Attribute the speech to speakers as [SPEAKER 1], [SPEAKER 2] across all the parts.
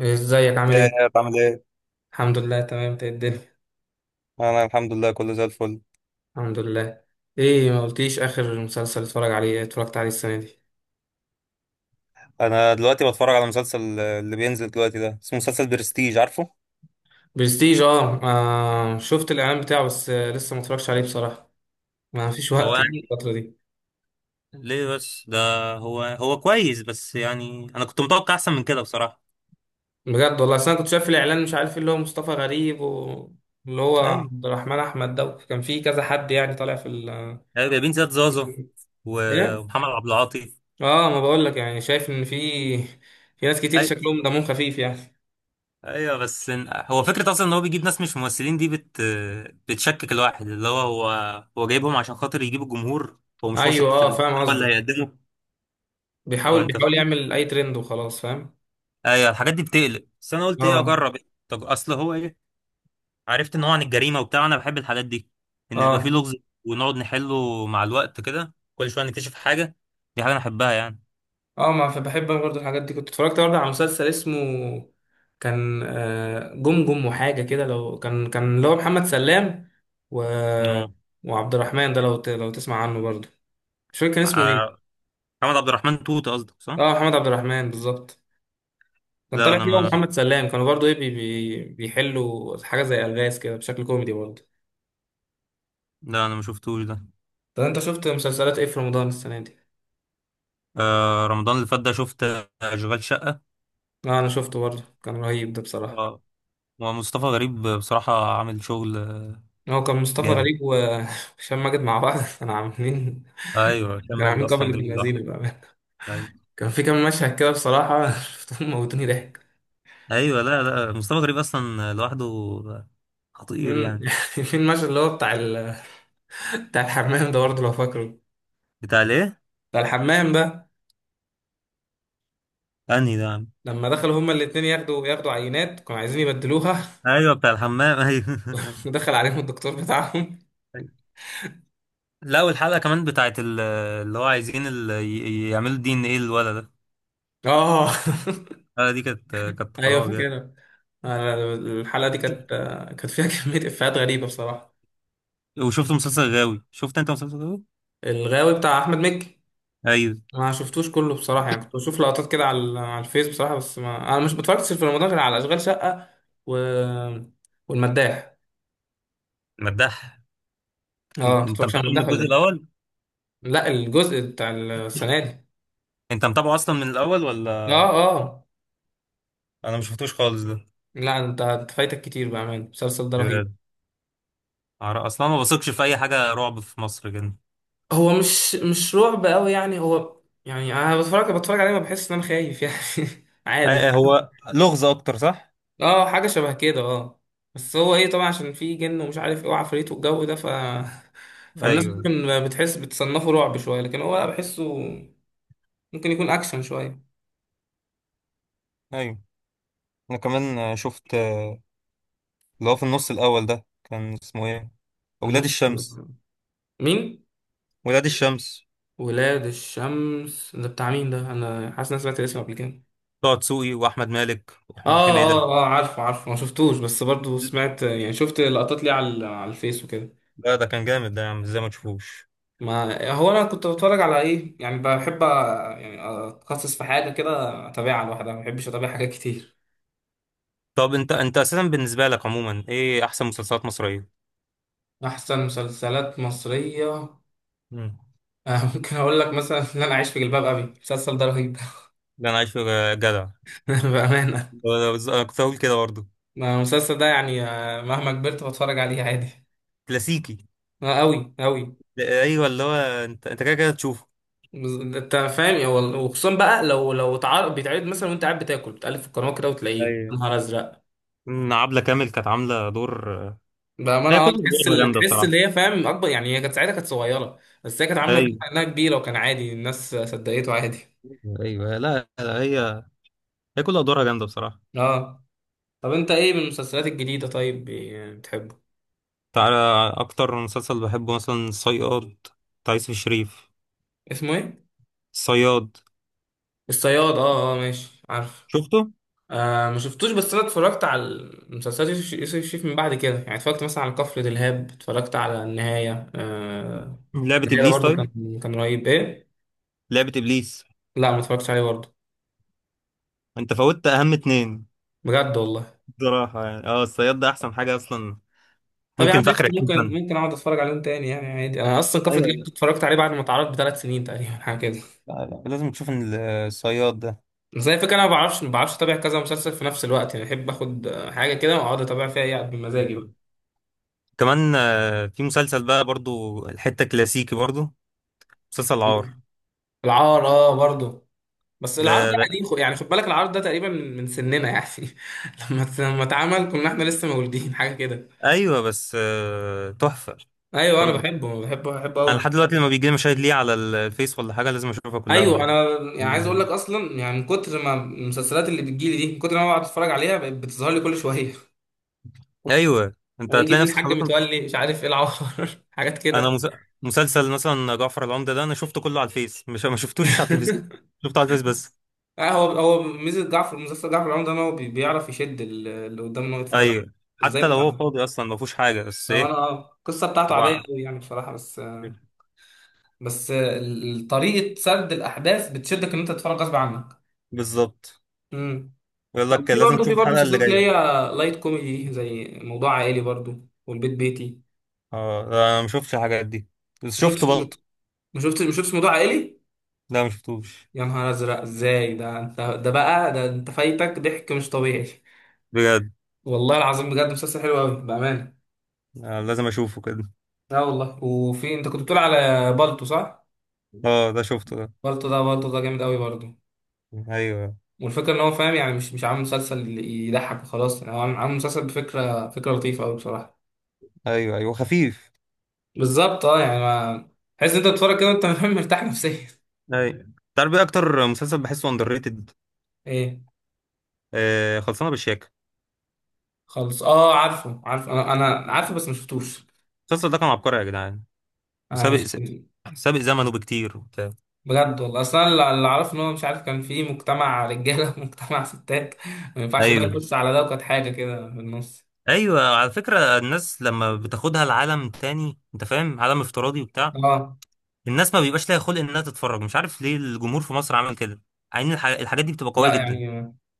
[SPEAKER 1] ازيك عامل
[SPEAKER 2] يا
[SPEAKER 1] ايه؟
[SPEAKER 2] يا بعمل ايه؟
[SPEAKER 1] الحمد لله تمام، انت ايه الدنيا؟
[SPEAKER 2] انا الحمد لله كله زي الفل.
[SPEAKER 1] الحمد لله. ايه ما قلتليش اخر مسلسل اتفرج عليه اتفرجت عليه السنة دي؟
[SPEAKER 2] انا دلوقتي بتفرج على مسلسل اللي بينزل دلوقتي ده، اسمه مسلسل برستيج. عارفه؟
[SPEAKER 1] برستيج اه، آه شفت الاعلان بتاعه، بس لسه ما اتفرجتش عليه بصراحة. ما فيش
[SPEAKER 2] هو
[SPEAKER 1] وقت يعني
[SPEAKER 2] يعني
[SPEAKER 1] الفترة دي.
[SPEAKER 2] ليه بس ده، هو كويس، بس يعني انا كنت متوقع احسن من كده بصراحه.
[SPEAKER 1] بجد والله، اصل انا كنت شايف الاعلان، مش عارف ايه اللي هو مصطفى غريب واللي هو
[SPEAKER 2] اي،
[SPEAKER 1] عبد الرحمن احمد ده، كان في كذا حد يعني طالع في ال...
[SPEAKER 2] ايوه، جايبين زياد زازا
[SPEAKER 1] ايه؟
[SPEAKER 2] ومحمد عبد العاطي.
[SPEAKER 1] اه ما بقول لك يعني شايف ان في ناس كتير
[SPEAKER 2] اي
[SPEAKER 1] شكلهم دمهم خفيف يعني.
[SPEAKER 2] ايوه، بس هو فكره اصلا ان هو بيجيب ناس مش ممثلين، دي بتشكك الواحد، اللي هو جايبهم عشان خاطر يجيب الجمهور، هو مش
[SPEAKER 1] ايوه
[SPEAKER 2] واثق في
[SPEAKER 1] اه فاهم
[SPEAKER 2] المحتوى اللي
[SPEAKER 1] قصدك.
[SPEAKER 2] هيقدمه. هو
[SPEAKER 1] بيحاول
[SPEAKER 2] انت
[SPEAKER 1] بيحاول
[SPEAKER 2] فاهم.
[SPEAKER 1] يعمل اي ترند وخلاص، فاهم.
[SPEAKER 2] ايوه، الحاجات دي بتقلق، بس انا قلت ايه،
[SPEAKER 1] اه
[SPEAKER 2] اجرب إيه؟ طب اصل هو ايه، عرفت ان هو عن الجريمه وبتاع، انا بحب الحاجات دي، ان يبقى فيه
[SPEAKER 1] اه
[SPEAKER 2] لغز ونقعد نحله مع الوقت كده، كل شويه نكتشف حاجه. دي حاجه انا احبها يعني.
[SPEAKER 1] اه. ما فبحب انا برضه الحاجات دي، كنت اتفرجت برضه على مسلسل اسمه كان جمجم وحاجه كده، لو كان اللي هو محمد سلام و...
[SPEAKER 2] اه،
[SPEAKER 1] وعبد الرحمن ده لو لو تسمع عنه برضه. مش فاكر كان اسمه
[SPEAKER 2] آه،
[SPEAKER 1] ايه.
[SPEAKER 2] محمد عبد الرحمن توت قصدك، صح.
[SPEAKER 1] اه محمد عبد الرحمن بالظبط. كان
[SPEAKER 2] لا
[SPEAKER 1] طالع فيه
[SPEAKER 2] انا
[SPEAKER 1] هو
[SPEAKER 2] ما
[SPEAKER 1] محمد سلام، كانوا برضه ايه بيحلوا حاجه زي الغاز كده بشكل كوميدي برضه.
[SPEAKER 2] لا انا ما شفتوش ده.
[SPEAKER 1] طب انت شفت مسلسلات ايه في رمضان السنه دي؟
[SPEAKER 2] آه، رمضان اللي فات ده شفت اشغال شقه.
[SPEAKER 1] اه انا شفته برضه، كان رهيب ده بصراحه.
[SPEAKER 2] اه، ومصطفى غريب بصراحه عامل شغل
[SPEAKER 1] هو كان مصطفى
[SPEAKER 2] جامد.
[SPEAKER 1] غريب وهشام ماجد مع بعض كانوا عاملين.
[SPEAKER 2] ايوه، هشام
[SPEAKER 1] كانوا
[SPEAKER 2] ماجد
[SPEAKER 1] عاملين قبل
[SPEAKER 2] اصلا
[SPEAKER 1] ابن
[SPEAKER 2] جامد لوحده.
[SPEAKER 1] لذينه بقى.
[SPEAKER 2] ايوه،
[SPEAKER 1] كان في كام مشهد كده بصراحة، شفتهم موتوني ضحك.
[SPEAKER 2] ايوه، لا، لا، مصطفى غريب اصلا لوحده خطير
[SPEAKER 1] أمم،
[SPEAKER 2] يعني.
[SPEAKER 1] يعني في المشهد اللي هو بتاع ال... بتاع الحمام ده برضه لو فاكره.
[SPEAKER 2] بتاع الايه؟
[SPEAKER 1] بتاع الحمام ده،
[SPEAKER 2] انهي ده يا عم؟
[SPEAKER 1] لما دخلوا هما الاتنين ياخدوا عينات، كانوا عايزين يبدلوها
[SPEAKER 2] ايوه، بتاع الحمام، ايوه.
[SPEAKER 1] ودخل عليهم الدكتور بتاعهم.
[SPEAKER 2] أيوة. لا، والحلقه كمان بتاعت اللي هو عايزين يعملوا دي ان ايه الولد ده.
[SPEAKER 1] اه
[SPEAKER 2] الحلقه دي كانت كانت
[SPEAKER 1] ايوه
[SPEAKER 2] خراب يعني.
[SPEAKER 1] فاكرها. أنا الحلقة دي كانت، كانت فيها كمية إفيهات غريبة بصراحة.
[SPEAKER 2] وشفت مسلسل غاوي، شفت انت مسلسل غاوي؟
[SPEAKER 1] الغاوي بتاع أحمد مكي؟
[SPEAKER 2] ايوه.
[SPEAKER 1] ما شفتوش كله بصراحة يعني، كنت بشوف لقطات كده على على الفيس بصراحة، بس ما أنا مش متفرجتش في رمضان غير على أشغال شقة و... والمداح.
[SPEAKER 2] مداح. انت
[SPEAKER 1] اه
[SPEAKER 2] أنت
[SPEAKER 1] متفرجش
[SPEAKER 2] متابع
[SPEAKER 1] على
[SPEAKER 2] من
[SPEAKER 1] المداح ولا
[SPEAKER 2] الجزء
[SPEAKER 1] إيه؟
[SPEAKER 2] الاول؟
[SPEAKER 1] لا الجزء بتاع السنة دي.
[SPEAKER 2] انت متابعه اصلا من الاول، ولا؟
[SPEAKER 1] اه اه.
[SPEAKER 2] انا ما شفتوش خالص ده؟
[SPEAKER 1] لا أنت فايتك كتير، بأمانة المسلسل ده رهيب.
[SPEAKER 2] بجد. اصلا ما بثقش في اي حاجه رعب في مصر كده.
[SPEAKER 1] هو مش رعب قوي يعني، هو يعني أنا بتفرج عليه ما بحس إن أنا خايف يعني. عادي.
[SPEAKER 2] آه، هو لغز اكتر، صح؟
[SPEAKER 1] اه حاجة شبه كده اه. بس هو ايه طبعا عشان في جن، ومش عارف ايه وعفاريت والجو ده، ف فالناس
[SPEAKER 2] ايوه،
[SPEAKER 1] ممكن بتحس بتصنفه رعب شوية، لكن هو لا بحسه ممكن يكون اكشن شوية.
[SPEAKER 2] ايوه. انا كمان شفت اللي هو في النص الاول ده كان اسمه ايه؟ ولاد
[SPEAKER 1] النص؟
[SPEAKER 2] الشمس.
[SPEAKER 1] مين؟
[SPEAKER 2] ولاد الشمس،
[SPEAKER 1] ولاد الشمس ده بتاع مين ده؟ انا حاسس إن أنا سمعت الاسم قبل كده.
[SPEAKER 2] طه دسوقي واحمد مالك ومحمود
[SPEAKER 1] اه
[SPEAKER 2] حميده.
[SPEAKER 1] اه اه عارفه عارفه، ما شفتوش بس برضو سمعت يعني، شفت لقطات ليه على الفيس وكده.
[SPEAKER 2] لا، ده كان جامد ده يا عم، ازاي ما تشوفوش؟
[SPEAKER 1] ما هو انا كنت بتفرج على ايه يعني، بحب يعني اتخصص في حاجه كده، اتابعها لوحدها. ما بحبش اتابع حاجات كتير.
[SPEAKER 2] طب انت اساسا بالنسبه لك عموما، ايه احسن مسلسلات مصريه؟
[SPEAKER 1] أحسن مسلسلات مصرية؟
[SPEAKER 2] مم.
[SPEAKER 1] ممكن أقول لك مثلا إن أنا أعيش في جلباب أبي، المسلسل ده رهيب.
[SPEAKER 2] ده انا عايش في. جدع.
[SPEAKER 1] بأمانة.
[SPEAKER 2] انا كنت هقول كده برضه.
[SPEAKER 1] ما المسلسل ده يعني مهما كبرت بتفرج عليه عادي.
[SPEAKER 2] كلاسيكي.
[SPEAKER 1] آه، أوي أوي.
[SPEAKER 2] لا، ايوه، اللي هو انت كده كده تشوفه.
[SPEAKER 1] أنت فاهم يا وخصوصا بقى لو اتعرض بيتعرض مثلا وأنت قاعد بتاكل بتقلب في القناة كده وتلاقيه، يا
[SPEAKER 2] ايوه،
[SPEAKER 1] نهار أزرق.
[SPEAKER 2] إن عبلة كامل كانت عاملة دور.
[SPEAKER 1] بأمانة
[SPEAKER 2] هي كل
[SPEAKER 1] أه تحس
[SPEAKER 2] أدوارها
[SPEAKER 1] اللي،
[SPEAKER 2] جامدة
[SPEAKER 1] تحس
[SPEAKER 2] بصراحة.
[SPEAKER 1] اللي هي فاهم أكبر يعني، هي كانت ساعتها كانت صغيرة بس هي كانت عاملة الدور
[SPEAKER 2] أيوه،
[SPEAKER 1] إنها كبيرة، وكان عادي الناس صدقته عادي.
[SPEAKER 2] أيوه، لا لا، هي كل أدوارها جامدة بصراحة.
[SPEAKER 1] أه. طب أنت إيه من المسلسلات الجديدة طيب بتحبه؟
[SPEAKER 2] تعالى، أكتر مسلسل بحبه مثلا صياد، بتاع يوسف الشريف.
[SPEAKER 1] اسمه إيه؟
[SPEAKER 2] صياد.
[SPEAKER 1] الصياد اه اه ماشي عارف.
[SPEAKER 2] شفته.
[SPEAKER 1] آه ما شفتوش، بس انا اتفرجت على المسلسلات يوسف الشريف من بعد كده يعني، اتفرجت مثلا على كفر دلهاب، اتفرجت على النهاية آه.
[SPEAKER 2] لعبة
[SPEAKER 1] النهاية ده
[SPEAKER 2] ابليس،
[SPEAKER 1] برضه
[SPEAKER 2] طيب.
[SPEAKER 1] كان رهيب ايه.
[SPEAKER 2] لعبة ابليس.
[SPEAKER 1] لا ما اتفرجتش عليه برضه.
[SPEAKER 2] انت فوتت اهم اتنين.
[SPEAKER 1] بجد والله.
[SPEAKER 2] بصراحة يعني اه، الصياد ده احسن حاجة اصلا.
[SPEAKER 1] طب يا عم
[SPEAKER 2] ممكن في اخر
[SPEAKER 1] قشطة،
[SPEAKER 2] 20
[SPEAKER 1] ممكن
[SPEAKER 2] سنة.
[SPEAKER 1] اقعد اتفرج عليهم تاني يعني عادي، انا اصلا كفر
[SPEAKER 2] ايوه،
[SPEAKER 1] دلهاب
[SPEAKER 2] لا،
[SPEAKER 1] كنت اتفرجت عليه بعد ما اتعرض بثلاث سنين تقريبا حاجه كده.
[SPEAKER 2] لا لا، لازم تشوف الصياد ده.
[SPEAKER 1] بس هي الفكره انا ما بعرفش اتابع كذا مسلسل في نفس الوقت يعني، بحب اخد حاجه كده واقعد اتابع فيها يعني، بمزاجي بقى.
[SPEAKER 2] كمان في مسلسل بقى، برضو الحتة كلاسيكي برضو، مسلسل العار.
[SPEAKER 1] مم. العار اه برضه. بس العرض
[SPEAKER 2] ده,
[SPEAKER 1] ده
[SPEAKER 2] ده
[SPEAKER 1] قديم يعني خد بالك العرض ده تقريبا من سننا يعني، لما لما اتعمل كنا احنا لسه مولودين حاجه كده.
[SPEAKER 2] ايوه، بس تحفة.
[SPEAKER 1] ايوه انا
[SPEAKER 2] برضو،
[SPEAKER 1] بحبه بحبه
[SPEAKER 2] انا
[SPEAKER 1] قوي.
[SPEAKER 2] لحد دلوقتي لما بيجي لي مشاهد ليه على الفيس ولا حاجة لازم اشوفها
[SPEAKER 1] ايوه
[SPEAKER 2] كلها.
[SPEAKER 1] انا يعني عايز اقول لك اصلا يعني، من كتر ما المسلسلات اللي بتجيلي دي، من كتر ما أنا بقعد اتفرج عليها، بقت بتظهر لي كل شويه.
[SPEAKER 2] ايوه، انت
[SPEAKER 1] الاقي يجيب
[SPEAKER 2] هتلاقي
[SPEAKER 1] لي
[SPEAKER 2] نفسك
[SPEAKER 1] الحاج
[SPEAKER 2] خلاص.
[SPEAKER 1] متولي، مش عارف ايه العوار، حاجات
[SPEAKER 2] انا
[SPEAKER 1] كده.
[SPEAKER 2] مس... مسلسل مثلا جعفر العمدة ده، انا شفته كله على الفيس، مش ما شفتوش على التلفزيون، شفته على الفيس بس.
[SPEAKER 1] آه، هو ميزه جعفر، مسلسل جعفر العمدة، ان هو بيعرف يشد اللي قدامه ان هو يتفرج عليه.
[SPEAKER 2] ايوه،
[SPEAKER 1] ازاي
[SPEAKER 2] حتى لو هو
[SPEAKER 1] متعود.
[SPEAKER 2] فاضي اصلا ما فيهوش حاجة، بس
[SPEAKER 1] لو انا
[SPEAKER 2] ايه
[SPEAKER 1] القصه بتاعته عاديه
[SPEAKER 2] هو
[SPEAKER 1] قوي يعني بصراحه، بس طريقة سرد الأحداث بتشدك إن أنت تتفرج غصب عنك.
[SPEAKER 2] بالظبط،
[SPEAKER 1] امم.
[SPEAKER 2] يقول
[SPEAKER 1] طب
[SPEAKER 2] لك
[SPEAKER 1] في
[SPEAKER 2] لازم
[SPEAKER 1] برضه،
[SPEAKER 2] تشوف
[SPEAKER 1] في برضه
[SPEAKER 2] الحلقة اللي
[SPEAKER 1] مسلسلات اللي
[SPEAKER 2] جاية.
[SPEAKER 1] هي لايت كوميدي، زي موضوع عائلي برضه والبيت بيتي.
[SPEAKER 2] اه، لا، انا ما شفتش الحاجات دي، بس
[SPEAKER 1] ما
[SPEAKER 2] شفت
[SPEAKER 1] شفتش
[SPEAKER 2] بالطو.
[SPEAKER 1] ما شفتش ما شفتش موضوع عائلي.
[SPEAKER 2] لا، ما شفتوش.
[SPEAKER 1] يا نهار أزرق إزاي ده، أنت ده بقى ده أنت فايتك ضحك مش طبيعي.
[SPEAKER 2] بجد.
[SPEAKER 1] والله العظيم بجد مسلسل حلو أوي بأمانة.
[SPEAKER 2] آه، لازم اشوفه كده.
[SPEAKER 1] لا والله. وفي أنت كنت بتقول على بالتو صح؟
[SPEAKER 2] اه، ده شفته ده.
[SPEAKER 1] بالتو ده جامد أوي برضه.
[SPEAKER 2] ايوه،
[SPEAKER 1] والفكرة إن هو فاهم يعني، مش عامل مسلسل يضحك وخلاص يعني، هو عامل مسلسل بفكرة، فكرة لطيفة أوي بصراحة.
[SPEAKER 2] ايوه، ايوه، خفيف.
[SPEAKER 1] بالظبط اه يعني، ما تحس إن انت بتتفرج كده وانت مرتاح نفسيا.
[SPEAKER 2] ايوه، تعرف ايه اكتر مسلسل بحسه اندر ريتد؟
[SPEAKER 1] ايه؟
[SPEAKER 2] آه، خلصانه بالشياكه.
[SPEAKER 1] خالص اه عارفه، عارف انا عارفه بس ما شفتوش.
[SPEAKER 2] المسلسل ده كان عبقري يا جدعان،
[SPEAKER 1] انا
[SPEAKER 2] وسابق.
[SPEAKER 1] مش.
[SPEAKER 2] سابق زمنه بكتير، وبتاع.
[SPEAKER 1] بجد والله اصلا اللي اعرفه ان هو مش عارف، كان في مجتمع رجاله ومجتمع ستات، ما ينفعش ده
[SPEAKER 2] ايوه،
[SPEAKER 1] يخش على ده، وكانت حاجه كده في النص.
[SPEAKER 2] ايوه، على فكره الناس لما بتاخدها لعالم تاني، انت فاهم، عالم افتراضي وبتاع،
[SPEAKER 1] اه
[SPEAKER 2] الناس ما بيبقاش ليها خلق انها تتفرج. مش عارف ليه الجمهور في مصر عمل كده. عين الحاجات دي بتبقى قويه
[SPEAKER 1] لا
[SPEAKER 2] جدا.
[SPEAKER 1] يعني،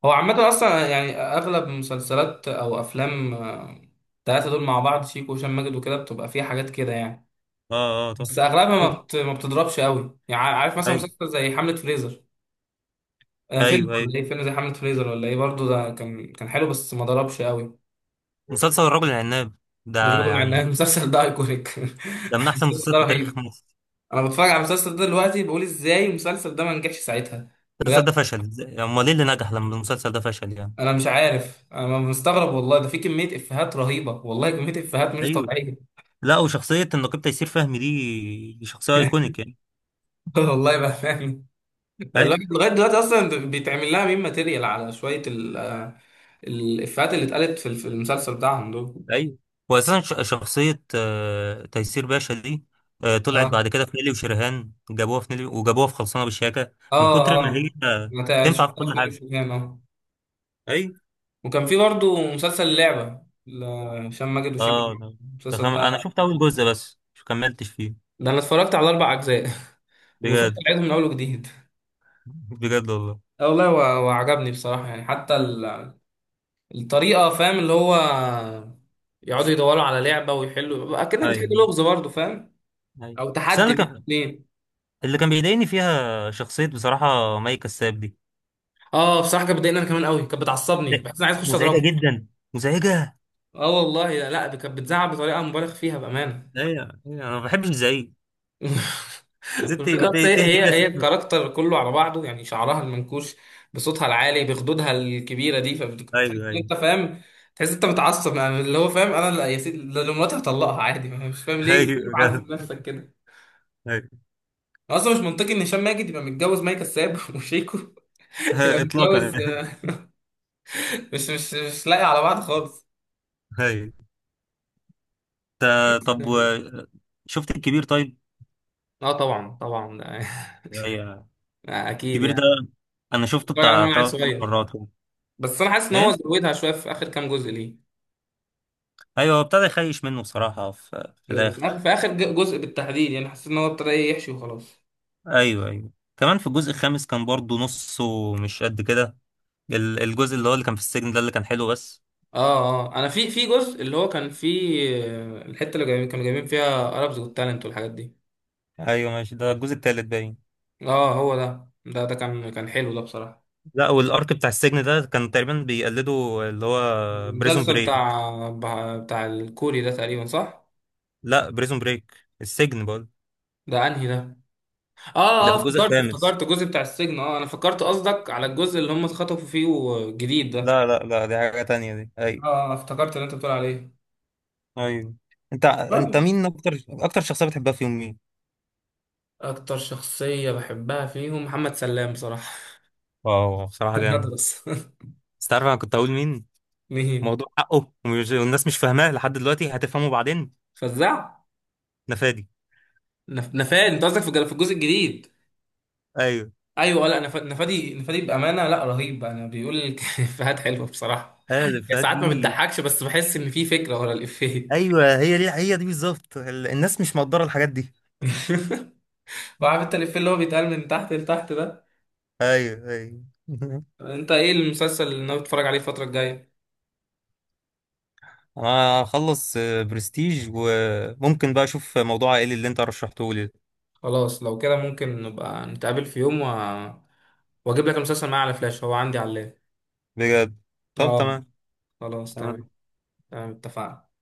[SPEAKER 1] هو عامه اصلا يعني اغلب مسلسلات او افلام التلاته دول مع بعض، شيكو وهشام ماجد وكده، بتبقى فيها حاجات كده يعني.
[SPEAKER 2] اه، اه، طبعا.
[SPEAKER 1] بس اغلبها
[SPEAKER 2] شوف،
[SPEAKER 1] ما بتضربش قوي يعني، عارف مثلا
[SPEAKER 2] ايوه،
[SPEAKER 1] مسلسل زي حملة فريزر. فيلم
[SPEAKER 2] ايوه،
[SPEAKER 1] ولا
[SPEAKER 2] ايوه،
[SPEAKER 1] ايه، فيلم زي حملة فريزر ولا ايه برضه ده كان حلو بس ما ضربش قوي.
[SPEAKER 2] مسلسل الرجل العناب ده
[SPEAKER 1] الراجل مع ان
[SPEAKER 2] يعني،
[SPEAKER 1] المسلسل ده ايكونيك.
[SPEAKER 2] ده من احسن
[SPEAKER 1] المسلسل ده
[SPEAKER 2] المسلسلات في تاريخ
[SPEAKER 1] رهيب.
[SPEAKER 2] مصر.
[SPEAKER 1] انا بتفرج على المسلسل ده دلوقتي، بقول ازاي المسلسل ده ما نجحش ساعتها،
[SPEAKER 2] المسلسل
[SPEAKER 1] بجد.
[SPEAKER 2] ده فشل امال ايه اللي نجح لما المسلسل ده فشل يعني؟
[SPEAKER 1] انا مش عارف، انا مستغرب والله، ده في كمية افيهات رهيبة والله، كمية افيهات مش
[SPEAKER 2] ايوه،
[SPEAKER 1] طبيعية.
[SPEAKER 2] لا، وشخصيه النقيب تيسير فهمي دي شخصيه ايكونيك يعني.
[SPEAKER 1] والله بأمانة. الواحد لغاية دلوقتي أصلا بيتعمل لها ميم ماتيريال، على شوية الإفيهات اللي اتقالت في المسلسل بتاعهم دول.
[SPEAKER 2] ايوه، واساسا شخصيه تيسير باشا دي، طلعت
[SPEAKER 1] اه
[SPEAKER 2] بعد كده في نيلي وشريهان، جابوها في نيلي وجابوها في خلصانه بالشياكه. من كتر
[SPEAKER 1] اه
[SPEAKER 2] ما هي
[SPEAKER 1] اه. ما تع-
[SPEAKER 2] تنفع في
[SPEAKER 1] شفتها في
[SPEAKER 2] كل
[SPEAKER 1] نيلي
[SPEAKER 2] حاجه.
[SPEAKER 1] وشوفان اه.
[SPEAKER 2] ايوه.
[SPEAKER 1] وكان في برضه مسلسل لعبة هشام ماجد وشيكو،
[SPEAKER 2] اه،
[SPEAKER 1] المسلسل
[SPEAKER 2] انا
[SPEAKER 1] ده.
[SPEAKER 2] شفت اول جزء بس مش كملتش فيه.
[SPEAKER 1] ده أنا اتفرجت على أربع أجزاء، وبفكر
[SPEAKER 2] بجد.
[SPEAKER 1] أعيده من أول وجديد.
[SPEAKER 2] بجد والله.
[SPEAKER 1] آه والله، وعجبني بصراحة يعني، حتى الطريقة، فاهم اللي هو، يقعدوا يدوروا على لعبة ويحلوا أكنك بتحل
[SPEAKER 2] ايوه،
[SPEAKER 1] لغز برضه فاهم.
[SPEAKER 2] ايوه،
[SPEAKER 1] أو
[SPEAKER 2] بس انا
[SPEAKER 1] تحدي
[SPEAKER 2] اللي
[SPEAKER 1] بين
[SPEAKER 2] كان
[SPEAKER 1] اتنين.
[SPEAKER 2] اللي كان بيضايقني فيها شخصيه بصراحه مي كساب دي.
[SPEAKER 1] اه بصراحة كانت بتضايقني أنا كمان قوي، كانت بتعصبني،
[SPEAKER 2] لا،
[SPEAKER 1] بحس إن أنا عايز أخش
[SPEAKER 2] مزعجه
[SPEAKER 1] أضربها.
[SPEAKER 2] جدا. مزعجه.
[SPEAKER 1] اه والله. لا لا، دي كانت بتزعق بطريقة مبالغ فيها بأمانة.
[SPEAKER 2] ايوه، ايوه، انا ما بحبش زعيق. زدت ما
[SPEAKER 1] الفكرة بس هي،
[SPEAKER 2] تهدي
[SPEAKER 1] هي
[SPEAKER 2] كده.
[SPEAKER 1] هي الكاركتر كله على بعضه يعني، شعرها المنكوش بصوتها العالي بخدودها الكبيرة دي، فبتحس
[SPEAKER 2] ايوه،
[SPEAKER 1] ان
[SPEAKER 2] ايوه.
[SPEAKER 1] انت فاهم، تحس انت متعصب يعني، اللي هو فاهم، انا لا يا سيدي، ده لو مراتي هطلقها عادي، ما مش فاهم ليه
[SPEAKER 2] ايوه.
[SPEAKER 1] معذب نفسك كده.
[SPEAKER 2] هاي.
[SPEAKER 1] اصلا مش منطقي ان هشام ماجد يبقى متجوز مي كساب، وشيكو يبقى
[SPEAKER 2] هاي، اطلاقا.
[SPEAKER 1] متجوز مش مش لاقي على بعض خالص.
[SPEAKER 2] هاي. طب شفت الكبير، طيب؟
[SPEAKER 1] اه طبعا.
[SPEAKER 2] هي-
[SPEAKER 1] اكيد
[SPEAKER 2] الكبير ده،
[SPEAKER 1] يعني.
[SPEAKER 2] انا شفته
[SPEAKER 1] اتفرج عليه من
[SPEAKER 2] بتاع
[SPEAKER 1] وانا عيل
[SPEAKER 2] ثلاث
[SPEAKER 1] صغير.
[SPEAKER 2] مرات كده.
[SPEAKER 1] بس انا حاسس ان هو
[SPEAKER 2] ايه،
[SPEAKER 1] زودها شويه في اخر كام جزء ليه.
[SPEAKER 2] ايوه، هو ابتدى يخيش منه بصراحه في
[SPEAKER 1] في آخر،
[SPEAKER 2] الاخر.
[SPEAKER 1] في آخر جزء بالتحديد يعني، حسيت إن هو ابتدى إيه يحشي وخلاص.
[SPEAKER 2] ايوه، ايوه، كمان في الجزء الخامس كان برضو نصه مش قد كده. الجزء اللي هو اللي كان في السجن ده، اللي كان حلو بس.
[SPEAKER 1] آه آه. أنا في جزء اللي هو كان فيه الحتة اللي جايبين، كانوا جايبين فيها أرابز والتالنت والحاجات دي.
[SPEAKER 2] ايوه ماشي، ده الجزء التالت باين.
[SPEAKER 1] آه هو ده، ده كان حلو ده بصراحة.
[SPEAKER 2] لا، والارك بتاع السجن ده كان تقريبا بيقلدوا اللي هو بريزون
[SPEAKER 1] المسلسل
[SPEAKER 2] بريك.
[SPEAKER 1] بتاع، بتاع الكوري ده تقريبا صح؟
[SPEAKER 2] لا، بريزون بريك، السجن بقول.
[SPEAKER 1] ده أنهي ده؟ آه آه
[SPEAKER 2] ده في الجزء
[SPEAKER 1] افتكرت،
[SPEAKER 2] الخامس.
[SPEAKER 1] افتكرت الجزء بتاع السجن، آه أنا فكرت قصدك على الجزء اللي هم اتخطفوا فيه الجديد ده.
[SPEAKER 2] لا، لا، لا، دي حاجة تانية دي. أيوة.
[SPEAKER 1] آه افتكرت اللي أنت بتقول عليه.
[SPEAKER 2] أيوة، أنت
[SPEAKER 1] برضه،
[SPEAKER 2] مين، أكتر شخصية بتحبها فيهم مين؟
[SPEAKER 1] أكتر شخصية بحبها فيهم محمد سلام بصراحة.
[SPEAKER 2] واو، بصراحة جامد.
[SPEAKER 1] هدرس.
[SPEAKER 2] بس تعرف أنا كنت أقول مين؟
[SPEAKER 1] مين؟
[SPEAKER 2] موضوع حقه، والناس مش فاهماه لحد دلوقتي، هتفهمه بعدين.
[SPEAKER 1] فزاع.
[SPEAKER 2] نفادي.
[SPEAKER 1] نفاد، انت قصدك في في الجزء الجديد؟
[SPEAKER 2] أيوة.
[SPEAKER 1] ايوه لا، نفادي. نفادي بامانه لا رهيب، انا بيقول الافيهات حلوه بصراحه
[SPEAKER 2] أيوة،
[SPEAKER 1] يعني، ساعات ما
[SPEAKER 2] نفادي.
[SPEAKER 1] بتضحكش بس بحس ان في فكره ورا الافيه.
[SPEAKER 2] أيوة، هي دي هي دي بالظبط. الناس مش مقدرة الحاجات دي.
[SPEAKER 1] وعارف انت الافيه اللي هو بيتقال من تحت لتحت ده.
[SPEAKER 2] أيوة، أيوة.
[SPEAKER 1] انت ايه المسلسل اللي انا بتفرج عليه الفتره الجايه؟
[SPEAKER 2] أنا هخلص برستيج، وممكن بقى أشوف موضوع عائلي اللي أنت رشحته لي.
[SPEAKER 1] خلاص لو كده ممكن نبقى نتقابل في يوم و... واجيب لك المسلسل معايا على فلاش، هو عندي على اللاب.
[SPEAKER 2] بجد. طب
[SPEAKER 1] اه
[SPEAKER 2] تمام.
[SPEAKER 1] خلاص تمام.
[SPEAKER 2] تمام.
[SPEAKER 1] تمام اتفقنا.